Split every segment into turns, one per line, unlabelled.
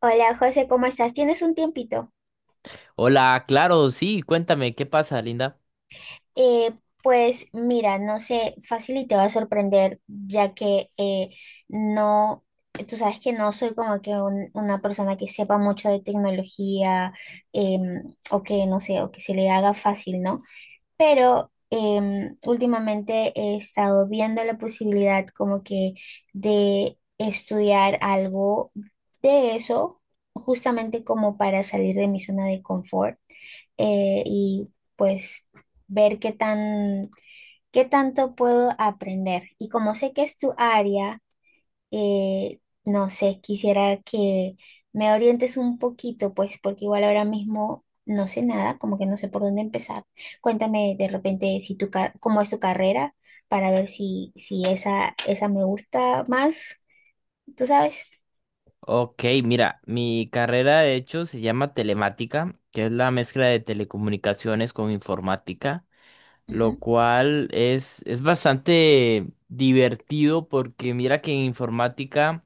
Hola José, ¿cómo estás? ¿Tienes un tiempito?
Hola, claro, sí, cuéntame, ¿qué pasa, Linda?
Eh, pues mira, no sé, fácil y te va a sorprender, ya que no, tú sabes que no soy como que una persona que sepa mucho de tecnología, em, o que no sé, o que se le haga fácil, ¿no? Pero últimamente he estado viendo la posibilidad como que de estudiar algo de eso, justamente como para salir de mi zona de confort, y pues ver qué tanto puedo aprender. Y como sé que es tu área, eh, no sé, quisiera que me orientes un poquito, pues, porque igual ahora mismo no sé nada, como que no sé por dónde empezar. Cuéntame de repente si cómo es tu carrera para ver si, si esa me gusta más, ¿tú sabes?
Ok, mira, mi carrera de hecho se llama telemática, que es la mezcla de telecomunicaciones con informática, lo
Ujú.
cual es bastante divertido porque mira que en informática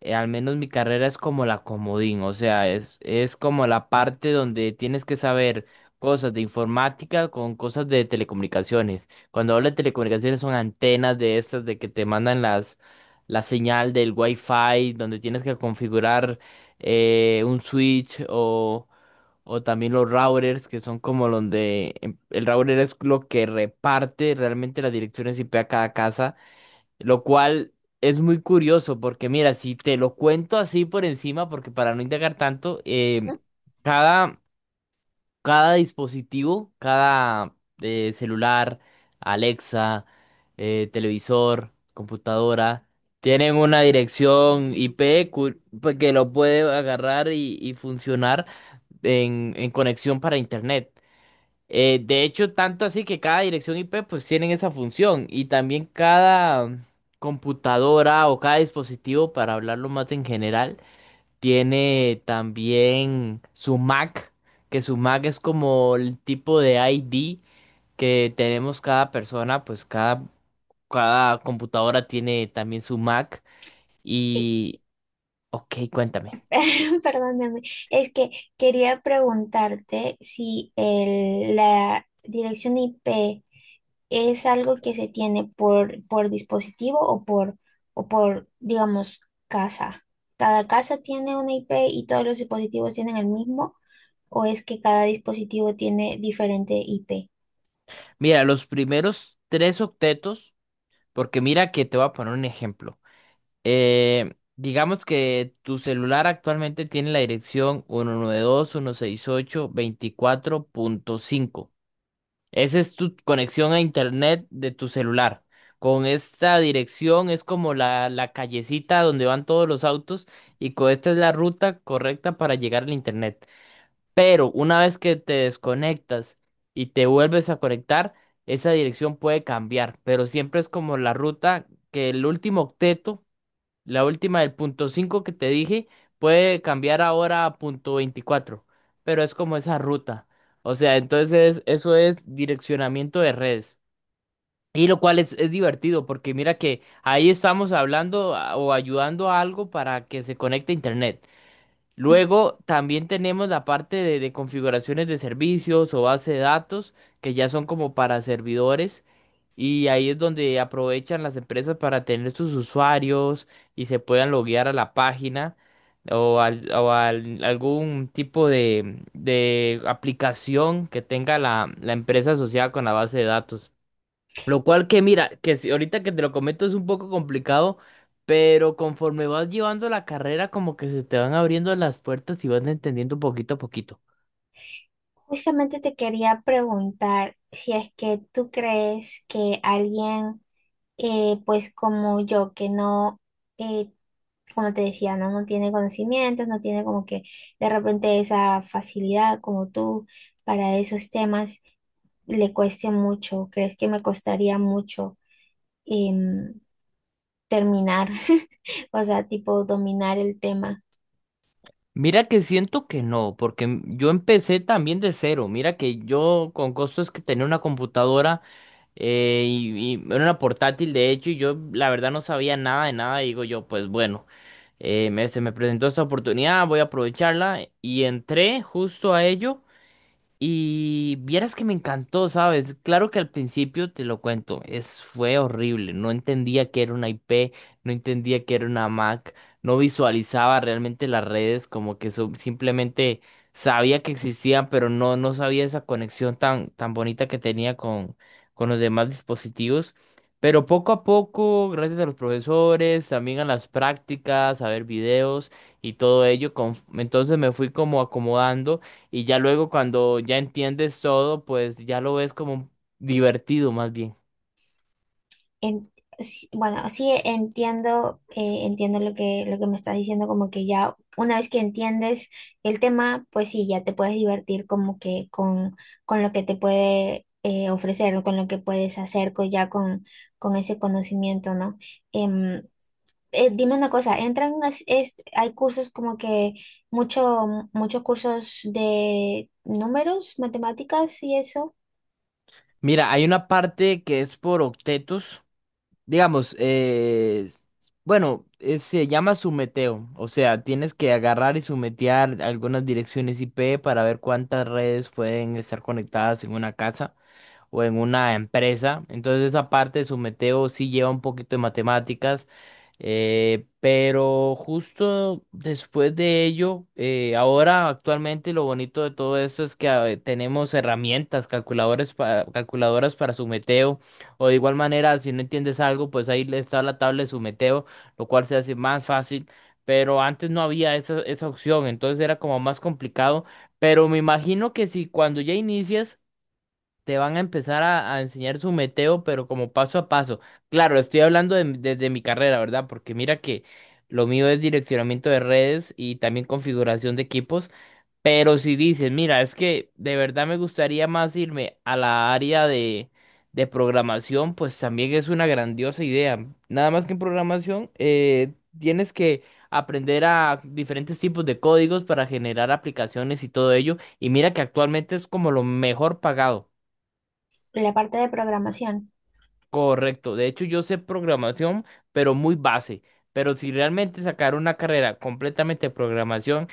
al menos mi carrera es como la comodín, o sea, es como la parte donde tienes que saber cosas de informática con cosas de telecomunicaciones. Cuando hablo de telecomunicaciones son antenas de estas de que te mandan las la señal del Wi-Fi, donde tienes que configurar un o también los routers, que son como donde el router es lo que reparte realmente las direcciones IP a cada casa. Lo cual es muy curioso porque mira, si te lo cuento así por encima, porque para no indagar tanto, cada, cada dispositivo, cada celular, Alexa, televisor, computadora, tienen una dirección IP pues, que lo puede agarrar y funcionar en conexión para Internet. De hecho, tanto así que cada dirección IP pues tienen esa función y también cada computadora o cada dispositivo, para hablarlo más en general, tiene también su MAC, que su MAC es como el tipo de ID que tenemos cada persona, cada computadora tiene también su MAC
Sí,
y... Ok, cuéntame.
perdóname, es que quería preguntarte si la dirección IP es algo que se tiene por dispositivo o por, digamos, casa. ¿Cada casa tiene una IP y todos los dispositivos tienen el mismo? ¿O es que cada dispositivo tiene diferente IP?
Mira, los primeros tres octetos, porque mira que te voy a poner un ejemplo. Digamos que tu celular actualmente tiene la dirección uno uno nueve dos punto uno seis ocho punto veinticuatro punto cinco. Esa es tu conexión a internet de tu celular. Con esta dirección es como la callecita donde van todos los autos y con esta es la ruta correcta para llegar al internet. Pero una vez que te desconectas y te vuelves a conectar, esa dirección puede cambiar, pero siempre es como la ruta, que el último octeto, la última del punto 5 que te dije, puede cambiar ahora a punto 24, pero es como esa ruta. O sea, entonces eso es direccionamiento de redes. Y lo cual es divertido porque mira que ahí estamos hablando a- o ayudando a algo para que se conecte a Internet. Luego también tenemos la parte de configuraciones de servicios o base de datos, que ya son como para servidores, y ahí es donde aprovechan las empresas para tener sus usuarios y se puedan loguear a la página o algún tipo de aplicación que tenga la empresa asociada con la base de datos. Lo cual que mira, que si- ahorita que te lo comento es un poco complicado, pero conforme vas llevando la carrera como que se te van abriendo las puertas y vas entendiendo poquito a poquito.
Justamente te quería preguntar si es que tú crees que alguien, pues como yo, que no, eh, como te decía, ¿no? No tiene conocimientos, no tiene como que de repente esa facilidad como tú para esos temas, le cueste mucho, crees que me costaría mucho em, terminar, o sea, tipo dominar el tema.
Mira que siento que no, porque yo empecé también de cero. Mira que yo con costos que tenía una computadora y era una portátil de hecho y yo la verdad no sabía nada de nada. Y digo yo, pues bueno, se me presentó esta oportunidad, voy a aprovecharla y entré justo a ello. Y vieras que me encantó, ¿sabes? Claro que al principio te lo cuento, fue horrible. No entendía que era una IP, no entendía que era una Mac, no visualizaba realmente las redes, como que simplemente sabía que existían, pero no sabía esa conexión tan bonita que tenía con los demás dispositivos. Pero poco a poco, gracias a los profesores, también a las prácticas, a ver videos y todo ello, entonces me fui como acomodando. Y ya luego cuando ya entiendes todo, pues ya lo ves como divertido más bien.
En- sí, bueno, sí entiendo, entiendo lo que me estás diciendo, como que ya una vez que entiendes el tema, pues sí, ya te puedes divertir como que con lo que te puede ofrecer o con lo que puedes hacer ya con ese conocimiento, ¿no? Em, Dime una cosa, hay cursos como que mucho, muchos cursos de números, matemáticas y eso,
Mira, hay una parte que es por octetos, digamos, se llama sumeteo, o sea, tienes que agarrar y sumetear algunas direcciones IP para ver cuántas redes pueden estar conectadas en una casa o en una empresa. Entonces esa parte de sumeteo sí lleva un poquito de matemáticas. Pero justo después de ello, ahora actualmente lo bonito de todo esto es que tenemos herramientas, calculadoras para sumeteo, o de igual manera, si no entiendes algo, pues ahí le está la tabla de sumeteo, lo cual se hace más fácil, pero antes no había esa opción, entonces era como más complicado, pero me imagino que si cuando ya inicias te van a empezar a enseñar su meteo, pero como paso a paso. Claro, estoy desde mi carrera, ¿verdad? Porque mira que lo mío es direccionamiento de redes y también configuración de equipos, pero si dices, mira, es que de verdad me gustaría más irme a la área de programación, pues también es una grandiosa idea. Nada más que en programación, tienes que... aprender a diferentes tipos de códigos para generar aplicaciones y todo ello. Y mira que actualmente es como lo mejor pagado.
la parte de programación
Correcto, de hecho yo sé programación, pero muy base. Pero si realmente sacar una carrera completamente de programación,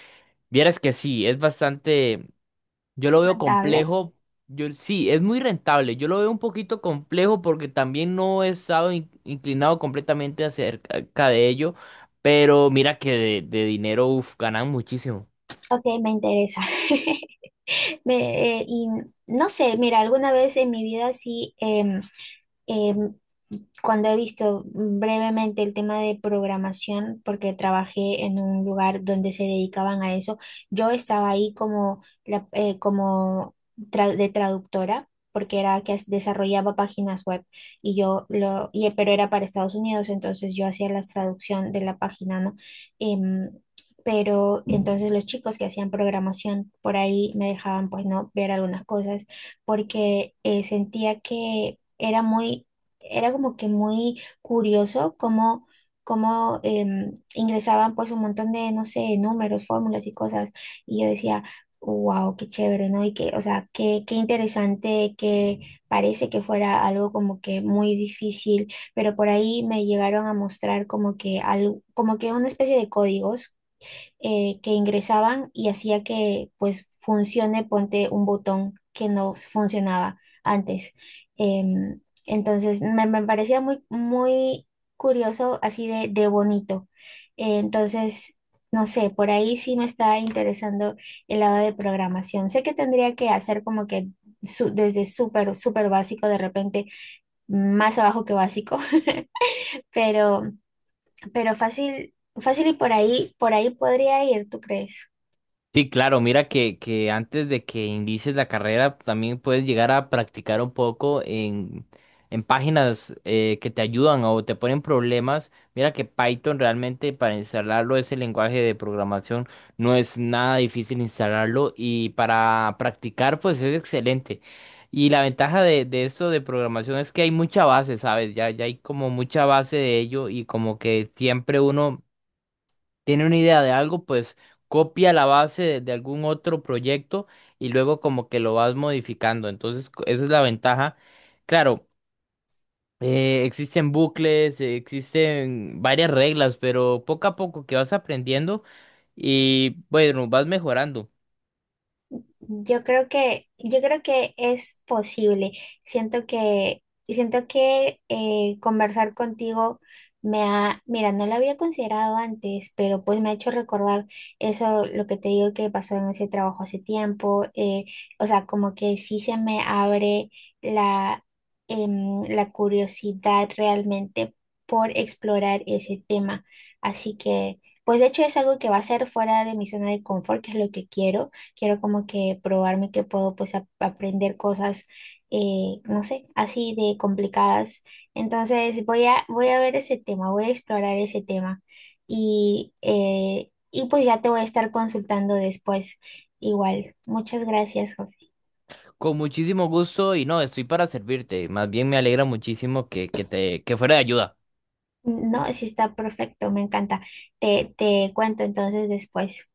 vieras que sí, es bastante, yo lo veo
contable.
complejo, yo sí, es muy rentable, yo lo veo un poquito complejo porque también no he estado inclinado completamente acerca de ello, pero mira que de dinero, uf, ganan muchísimo.
Ok, me interesa. Y no sé, mira, alguna vez en mi vida sí, Em, cuando he visto brevemente el tema de programación, porque trabajé en un lugar donde se dedicaban a eso, yo estaba ahí como, como de traductora, porque era que desarrollaba páginas web y pero era para Estados Unidos, entonces yo hacía la traducción de la página, ¿no? Em, pero entonces los chicos que hacían programación por ahí me dejaban pues no ver algunas cosas porque sentía que era era como que muy curioso cómo ingresaban pues un montón de, no sé, números, fórmulas y cosas. Y yo decía, wow, qué chévere, ¿no? Y que, o sea, qué interesante, que parece que fuera algo como que muy difícil, pero por ahí me llegaron a mostrar como que, como que una especie de códigos que ingresaban y hacía que pues funcione, ponte un botón que no funcionaba antes. Entonces me parecía muy curioso, así de bonito. Eh, entonces, no sé, por ahí sí me está interesando el lado de programación. Sé que tendría que hacer como que desde súper, súper básico, de repente más abajo que básico, pero, pero fácil, fácil y por ahí podría ir, ¿tú crees?
Sí, claro, mira que antes de que inicies la carrera también puedes llegar a practicar un poco en páginas que te ayudan o te ponen problemas. Mira que Python realmente para instalarlo ese lenguaje de programación no es nada difícil instalarlo y para practicar pues es excelente. Y la ventaja de esto de programación es que hay mucha base, ¿sabes? Ya hay como mucha base de ello y como que siempre uno tiene una idea de algo, pues copia la base de algún otro proyecto y luego como que lo vas modificando. Entonces, esa es la ventaja. Claro, existen bucles, existen varias reglas, pero poco a poco que vas aprendiendo y bueno, vas mejorando.
Yo creo que es posible. Siento que, Siento que conversar contigo me ha, mira, no lo había considerado antes, pero pues me ha hecho recordar eso, lo que te digo que pasó en ese trabajo hace tiempo. O sea, como que sí se me abre la, la curiosidad realmente por explorar ese tema. Así que, pues de hecho es algo que va a ser fuera de mi zona de confort, que es lo que quiero como que probarme que puedo pues aprender cosas, no sé, así de complicadas. Entonces voy a ver ese tema, voy a explorar ese tema y pues ya te voy a estar consultando después igual. Muchas gracias, José.
Con muchísimo gusto y no, estoy para servirte. Más bien me alegra muchísimo que fuera de ayuda.
No, sí está perfecto, me encanta. Te cuento entonces después.